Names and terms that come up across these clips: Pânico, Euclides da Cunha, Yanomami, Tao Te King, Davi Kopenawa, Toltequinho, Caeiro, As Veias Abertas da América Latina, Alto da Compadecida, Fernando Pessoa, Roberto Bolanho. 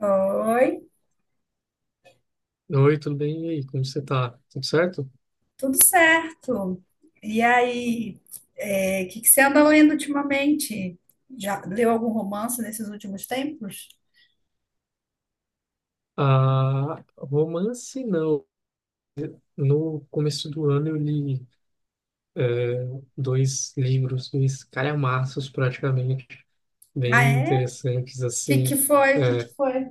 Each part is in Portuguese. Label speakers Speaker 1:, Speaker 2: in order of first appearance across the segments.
Speaker 1: Oi,
Speaker 2: Oi, tudo bem? E aí, como você tá? Tudo certo?
Speaker 1: tudo certo. E aí, o que que você anda lendo ultimamente? Já leu algum romance nesses últimos tempos?
Speaker 2: Ah, romance não. No começo do ano eu li eh, dois livros, dois calhamaços praticamente,
Speaker 1: Ah,
Speaker 2: bem
Speaker 1: é? O
Speaker 2: interessantes
Speaker 1: que que
Speaker 2: assim.
Speaker 1: foi? O que que foi?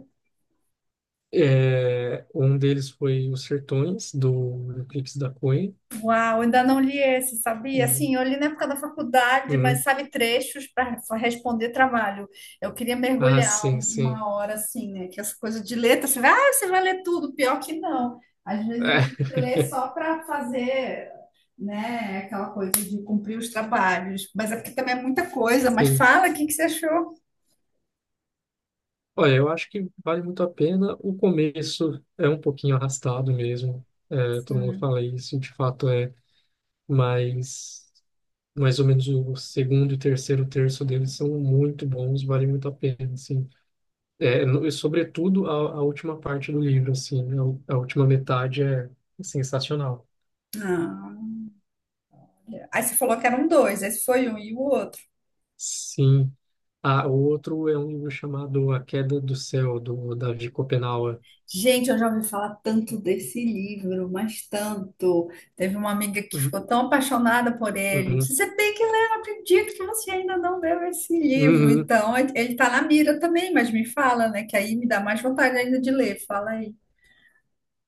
Speaker 2: Um deles foi Os Sertões, do Euclides da Cunha.
Speaker 1: Uau, ainda não li esse, sabia?
Speaker 2: Eh,
Speaker 1: Assim, eu li na época da faculdade, mas
Speaker 2: uhum.
Speaker 1: sabe, trechos para responder trabalho. Eu queria
Speaker 2: Ah,
Speaker 1: mergulhar
Speaker 2: sim, sim.
Speaker 1: uma hora assim, né? Que essa coisa de letra, você vai ler tudo, pior que não. Às vezes a gente lê só para fazer, né, aquela coisa de cumprir os trabalhos, mas é porque também é muita coisa. Mas
Speaker 2: Sim.
Speaker 1: fala, o que que você achou?
Speaker 2: Olha, eu acho que vale muito a pena. O começo é um pouquinho arrastado mesmo. É, todo mundo fala isso, de fato é, mas mais ou menos o segundo e terceiro terço deles são muito bons, vale muito a pena, assim. É, e sobretudo a última parte do livro, assim, a última metade é sensacional.
Speaker 1: Ah, aí você falou que eram dois, esse foi um e o outro.
Speaker 2: Sim. Ah, o outro é um livro chamado A Queda do Céu, do Davi Kopenawa.
Speaker 1: Gente, eu já ouvi falar tanto desse livro, mas tanto. Teve uma amiga que ficou tão apaixonada por ele.
Speaker 2: Uhum.
Speaker 1: Disse, você tem que ler, não acredito que você ainda não leu esse livro.
Speaker 2: Uhum.
Speaker 1: Então, ele tá na mira também, mas me fala, né? Que aí me dá mais vontade ainda de ler. Fala aí.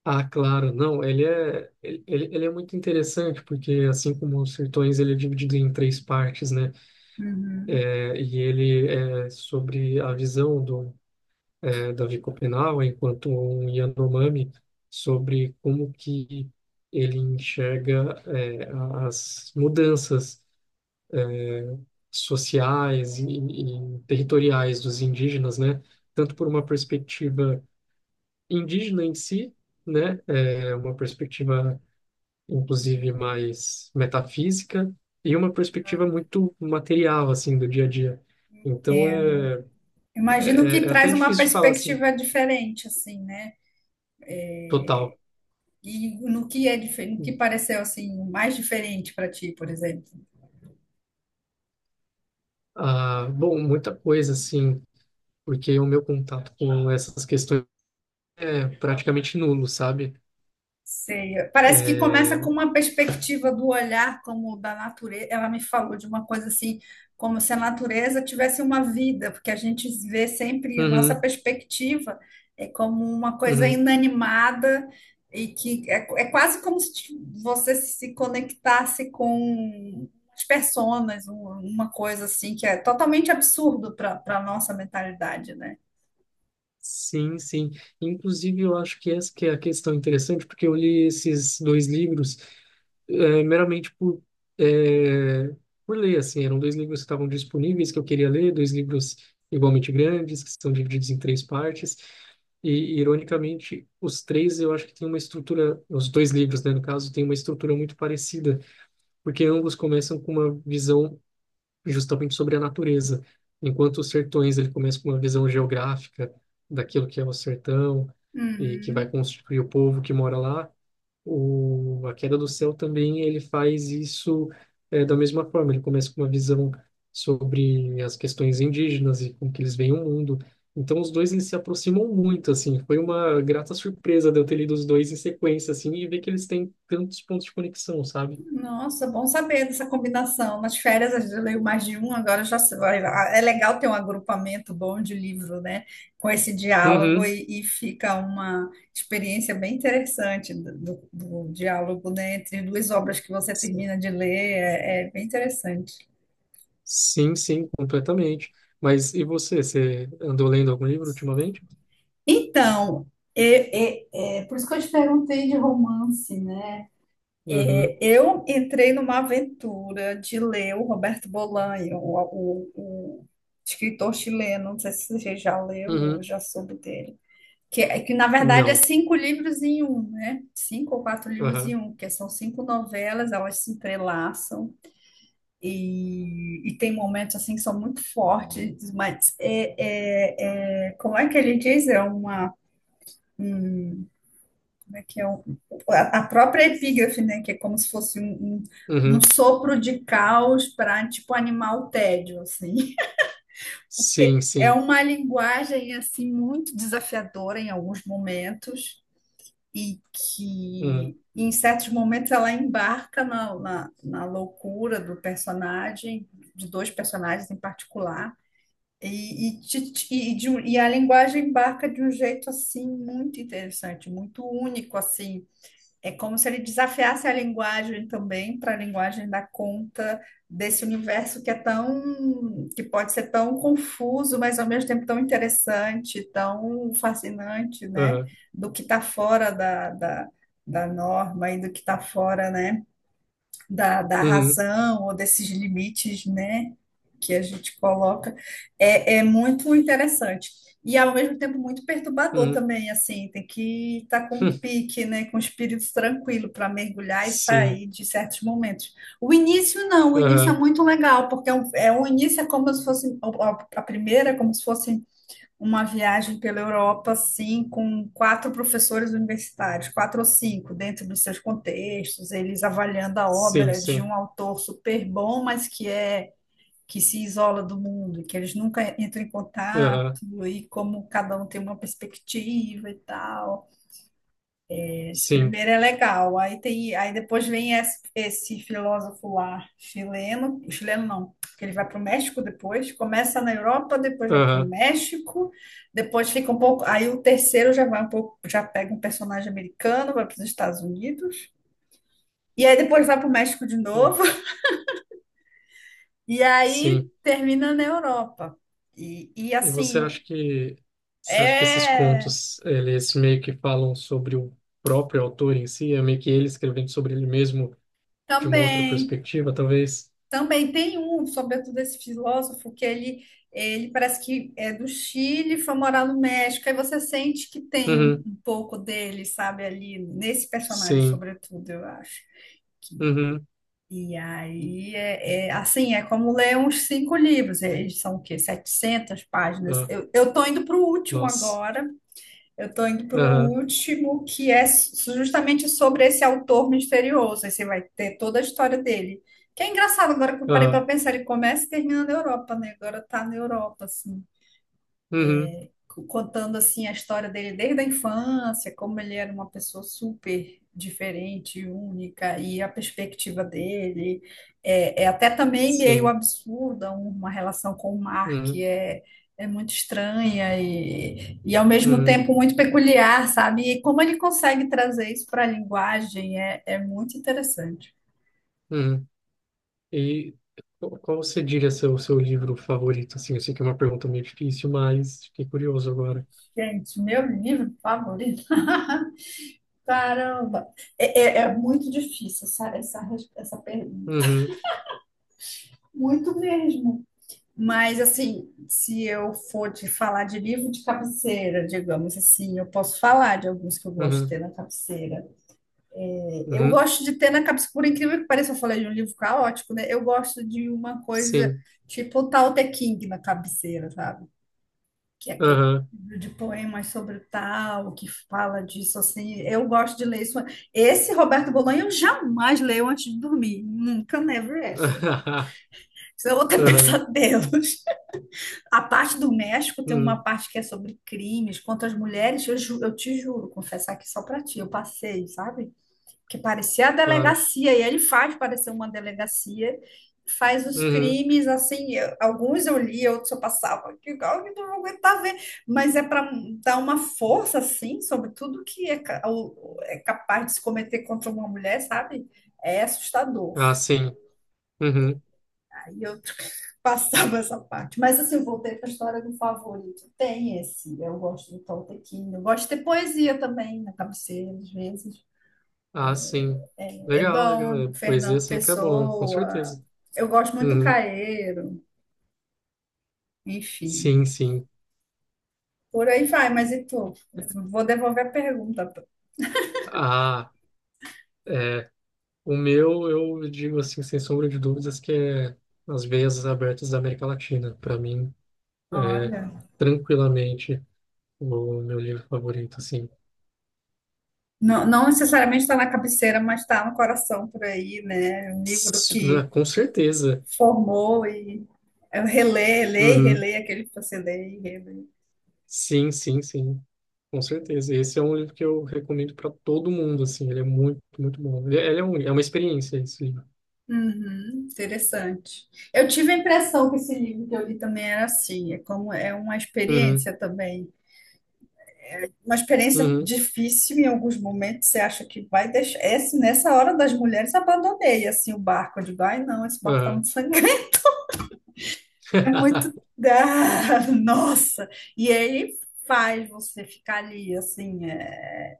Speaker 2: Ah, claro, não, ele é muito interessante, porque assim como os Sertões, ele é dividido em três partes, né?
Speaker 1: Uhum.
Speaker 2: É, e ele é sobre a visão do Davi Copenau, enquanto um Yanomami, sobre como que ele enxerga as mudanças sociais e territoriais dos indígenas, né? Tanto por uma perspectiva indígena em si, né? É, uma perspectiva inclusive mais metafísica, e uma perspectiva muito material, assim, do dia a dia. Então,
Speaker 1: Imagino que
Speaker 2: até
Speaker 1: traz uma
Speaker 2: difícil de falar, assim,
Speaker 1: perspectiva diferente, assim, né?
Speaker 2: total.
Speaker 1: E no que é diferente, no que pareceu assim mais diferente para ti, por exemplo.
Speaker 2: Ah, bom, muita coisa, assim, porque o meu contato com essas questões é praticamente nulo, sabe?
Speaker 1: Sei. Parece que começa com
Speaker 2: É,
Speaker 1: uma perspectiva do olhar como da natureza. Ela me falou de uma coisa assim, como se a natureza tivesse uma vida, porque a gente vê sempre a nossa
Speaker 2: uhum,
Speaker 1: perspectiva é como uma coisa
Speaker 2: uhum.
Speaker 1: inanimada e que é quase como se você se conectasse com as personas, uma coisa assim que é totalmente absurdo para nossa mentalidade, né?
Speaker 2: Sim, sim. Inclusive, eu acho que essa que é a questão interessante, porque eu li esses dois livros meramente é, por ler, assim, eram dois livros que estavam disponíveis que eu queria ler, dois livros igualmente grandes, que são divididos em três partes, e, ironicamente, os três eu acho que têm uma estrutura, os dois livros, né, no caso, têm uma estrutura muito parecida, porque ambos começam com uma visão justamente sobre a natureza, enquanto os Sertões, ele começa com uma visão geográfica daquilo que é o sertão, e que vai
Speaker 1: Uhum.
Speaker 2: constituir o povo que mora lá, a Queda do Céu também ele faz isso, da mesma forma. Ele começa com uma visão sobre as questões indígenas e como que eles veem o mundo. Então os dois eles se aproximam muito assim. Foi uma grata surpresa de eu ter lido os dois em sequência assim e ver que eles têm tantos pontos de conexão, sabe?
Speaker 1: Nossa, bom saber dessa combinação. Nas férias a gente leu mais de um, agora já se vai. É legal ter um agrupamento bom de livro, né? Com esse diálogo
Speaker 2: Uhum.
Speaker 1: e fica uma experiência bem interessante do diálogo, né? Entre duas obras que você
Speaker 2: S-
Speaker 1: termina de ler, é bem interessante.
Speaker 2: Sim, sim, completamente. Mas e você? Você andou lendo algum livro ultimamente?
Speaker 1: Então, é, é- é por isso que eu te perguntei de romance, né? É,
Speaker 2: Uhum.
Speaker 1: eu entrei numa aventura de ler o Roberto Bolanho, o escritor chileno. Não sei se você já leu ou
Speaker 2: Uhum.
Speaker 1: já soube dele. Que, que na verdade é
Speaker 2: Não.
Speaker 1: cinco livros em um, né? Cinco ou quatro livros em
Speaker 2: Aham.
Speaker 1: um, que são cinco novelas, elas se entrelaçam e tem momentos assim que são muito fortes, mas como é que ele diz? É uma Como é que é a própria epígrafe, né, que é como se fosse um
Speaker 2: Uhum.
Speaker 1: sopro de caos para tipo animar o tédio, assim. Porque
Speaker 2: Sim,
Speaker 1: é
Speaker 2: sim.
Speaker 1: uma linguagem assim muito desafiadora em alguns momentos e
Speaker 2: Uhum.
Speaker 1: que em certos momentos ela embarca na loucura do personagem, de dois personagens em particular. E a linguagem embarca de um jeito assim muito interessante, muito único assim, é como se ele desafiasse a linguagem também, para a linguagem dar conta desse universo que é tão, que pode ser tão confuso, mas ao mesmo tempo tão interessante, tão fascinante, né?
Speaker 2: Aham.
Speaker 1: Do que está fora da, da norma e do que está fora, né? Da
Speaker 2: Uhum.
Speaker 1: razão ou desses limites, né, que a gente coloca, é muito interessante. E ao mesmo tempo muito perturbador
Speaker 2: Uhum.
Speaker 1: também, assim, tem que estar com um
Speaker 2: Hum,
Speaker 1: pique, né, com o espírito tranquilo para mergulhar e
Speaker 2: sim,
Speaker 1: sair de certos momentos. O início não, o início é
Speaker 2: aham,
Speaker 1: muito legal, porque é o início é como se fosse a primeira, é como se fosse uma viagem pela Europa, assim, com quatro professores universitários, quatro ou cinco, dentro dos seus contextos, eles avaliando a
Speaker 2: sim,
Speaker 1: obra de
Speaker 2: sim,
Speaker 1: um autor super bom, mas que é que se isola do mundo, que eles nunca entram em
Speaker 2: aham,
Speaker 1: contato, e como cada um tem uma perspectiva e tal. Esse
Speaker 2: sim,
Speaker 1: primeiro é legal. Aí tem, aí depois vem esse filósofo lá, chileno, chileno não, que ele vai para o México depois, começa na Europa, depois vai para o
Speaker 2: aham,
Speaker 1: México, depois fica um pouco, aí o terceiro já vai um pouco, já pega um personagem americano, vai para os Estados Unidos, e aí depois vai para o México de novo, e aí
Speaker 2: sim.
Speaker 1: termina na Europa. E
Speaker 2: E você acha
Speaker 1: assim,
Speaker 2: que você acha que esses
Speaker 1: é
Speaker 2: contos eles meio que falam sobre o próprio autor em si, é meio que ele escrevendo sobre ele mesmo de uma outra
Speaker 1: também.
Speaker 2: perspectiva, talvez?
Speaker 1: Também tem um, sobretudo esse filósofo, que ele parece que é do Chile, e foi morar no México, aí você sente que tem um,
Speaker 2: Uhum,
Speaker 1: um pouco dele, sabe, ali, nesse personagem,
Speaker 2: sim,
Speaker 1: sobretudo, eu acho. que-
Speaker 2: uhum,
Speaker 1: E aí, assim, é como ler uns cinco livros, eles são o quê? 700 páginas.
Speaker 2: ah,
Speaker 1: Eu tô indo para o último
Speaker 2: nossa,
Speaker 1: agora, eu estou indo para o
Speaker 2: aham,
Speaker 1: último, que é justamente sobre esse autor misterioso. Aí você vai ter toda a história dele. Que é engraçado agora que eu parei para
Speaker 2: aham,
Speaker 1: pensar, ele começa e termina na Europa, né? Agora tá na Europa, assim
Speaker 2: uhum,
Speaker 1: contando assim a história dele desde a infância, como ele era uma pessoa super diferente, única, e a perspectiva dele é até também meio
Speaker 2: sim,
Speaker 1: absurda, uma relação com o Mark, que
Speaker 2: uhum,
Speaker 1: é, é muito estranha e ao mesmo
Speaker 2: uhum,
Speaker 1: tempo muito peculiar, sabe? E como ele consegue trazer isso para a linguagem é muito interessante.
Speaker 2: uhum. E qual você diria ser o seu livro favorito? Assim, eu sei que é uma pergunta meio difícil, mas fiquei curioso agora.
Speaker 1: Gente, meu livro favorito. Caramba, é muito difícil essa pergunta.
Speaker 2: Uhum,
Speaker 1: Muito mesmo. Mas, assim, se eu for te falar de livro de cabeceira, digamos assim, eu posso falar de alguns que eu gosto de
Speaker 2: uhum,
Speaker 1: ter na cabeceira. Eu
Speaker 2: uhum,
Speaker 1: gosto de ter na cabeceira, por incrível que pareça, eu falei de um livro caótico, né? Eu gosto de uma coisa
Speaker 2: sim.
Speaker 1: tipo o Tao Te King na cabeceira, sabe? Que é aquele
Speaker 2: Aham,
Speaker 1: livro de poemas sobre o Tao, que fala disso, assim. Eu gosto de ler isso. Esse Roberto Bolonha eu jamais leio antes de dormir. Nunca, never ever. Senão eu vou ter
Speaker 2: aham,
Speaker 1: pesadelos. A parte do México tem uma
Speaker 2: uhum,
Speaker 1: parte que é sobre crimes contra as mulheres. Eu te juro, confessar aqui só pra ti, eu passei, sabe? Que parecia a
Speaker 2: claro.
Speaker 1: delegacia, e ele faz parecer uma delegacia, faz os
Speaker 2: Uhum,
Speaker 1: crimes assim. Alguns eu li, outros eu passava, que igual que não vou aguentar ver. Mas é para dar uma força, assim, sobre tudo que é capaz de se cometer contra uma mulher, sabe? É assustador.
Speaker 2: ah, sim. Uhum,
Speaker 1: Aí eu passava essa parte. Mas assim, eu voltei para a história do favorito. Tem esse, eu gosto do Toltequinho. Eu gosto de ter poesia também na cabeceira, às vezes.
Speaker 2: ah, sim.
Speaker 1: É
Speaker 2: Legal, legal.
Speaker 1: bom,
Speaker 2: Poesia
Speaker 1: Fernando
Speaker 2: sempre é bom, com
Speaker 1: Pessoa.
Speaker 2: certeza.
Speaker 1: Eu gosto muito do
Speaker 2: Uhum,
Speaker 1: Caeiro, enfim.
Speaker 2: sim, sim.
Speaker 1: Por aí vai, mas e tu? Vou devolver a pergunta.
Speaker 2: Ah, é. O meu, eu digo assim, sem sombra de dúvidas, que é As Veias Abertas da América Latina. Para mim, é
Speaker 1: Olha,
Speaker 2: tranquilamente o meu livro favorito, assim.
Speaker 1: não, não necessariamente está na cabeceira, mas está no coração por aí, né? Um livro que
Speaker 2: Com certeza.
Speaker 1: formou e eu releio, leio, e
Speaker 2: Uhum.
Speaker 1: releio aquele que você lê e relê.
Speaker 2: Sim, sim, sim. Com certeza. Esse é um livro que eu recomendo para todo mundo, assim. Ele é muito, muito bom. É uma experiência, esse livro.
Speaker 1: Uhum, interessante. Eu tive a impressão que esse livro que eu li também era assim, é como é uma
Speaker 2: Uhum.
Speaker 1: experiência também, uma experiência
Speaker 2: Uhum.
Speaker 1: difícil em alguns momentos. Você acha que vai deixar? Esse, nessa hora das mulheres abandonei assim o barco, eu digo, ai não, esse barco tá
Speaker 2: Aham.
Speaker 1: muito sangrento, é muito, ah, nossa. E ele faz você ficar ali assim.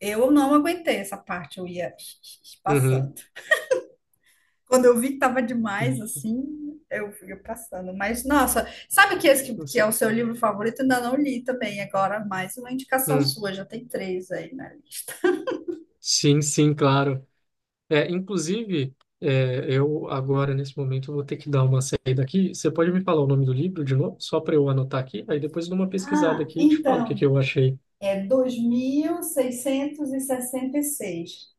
Speaker 1: Eu não aguentei essa parte, eu ia
Speaker 2: Uhum.
Speaker 1: passando. Quando eu vi que tava demais,
Speaker 2: Uhum.
Speaker 1: assim, eu fui passando. Mas, nossa, sabe que esse que,
Speaker 2: Não
Speaker 1: que é o
Speaker 2: sei.
Speaker 1: seu livro favorito? Ainda não li também. Agora, mais uma indicação
Speaker 2: Hum.
Speaker 1: sua, já tem três aí na lista.
Speaker 2: Sim, sim, claro. Inclusive, eu agora, nesse momento, vou ter que dar uma saída aqui. Você pode me falar o nome do livro de novo, só para eu anotar aqui? Aí depois eu dou uma pesquisada
Speaker 1: Ah,
Speaker 2: aqui e te falo o que que
Speaker 1: então,
Speaker 2: eu achei.
Speaker 1: é dois mil seiscentos e sessenta e seis.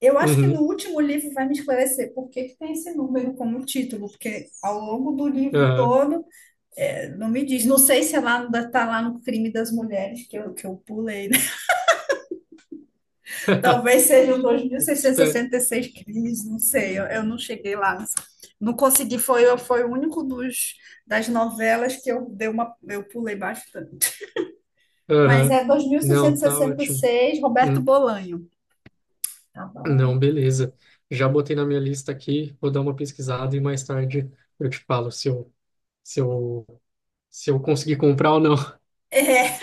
Speaker 1: Eu acho que no
Speaker 2: Uhum,
Speaker 1: último livro vai me esclarecer por que que tem esse número como título, porque ao longo do livro
Speaker 2: aham.
Speaker 1: todo, não me diz. Não sei se é lá, está lá no Crime das Mulheres, que eu pulei. Talvez sejam
Speaker 2: Espera.
Speaker 1: 2.666 crimes, não sei, eu não cheguei lá. Não consegui, foi o único dos, das novelas que eu dei uma, eu pulei bastante. Mas
Speaker 2: Aham.
Speaker 1: é
Speaker 2: Não, tá ótimo.
Speaker 1: 2.666, Roberto
Speaker 2: Hum,
Speaker 1: Bolanho. Tá
Speaker 2: Não,
Speaker 1: bom.
Speaker 2: beleza. Já botei na minha lista aqui, vou dar uma pesquisada e mais tarde eu te falo se eu, se eu conseguir comprar ou não.
Speaker 1: É,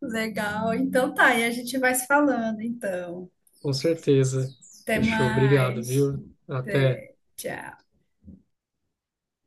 Speaker 1: legal. Então tá, e a gente vai se falando, então.
Speaker 2: Com certeza.
Speaker 1: Até
Speaker 2: Fechou, obrigado,
Speaker 1: mais.
Speaker 2: viu? Até.
Speaker 1: Até, tchau.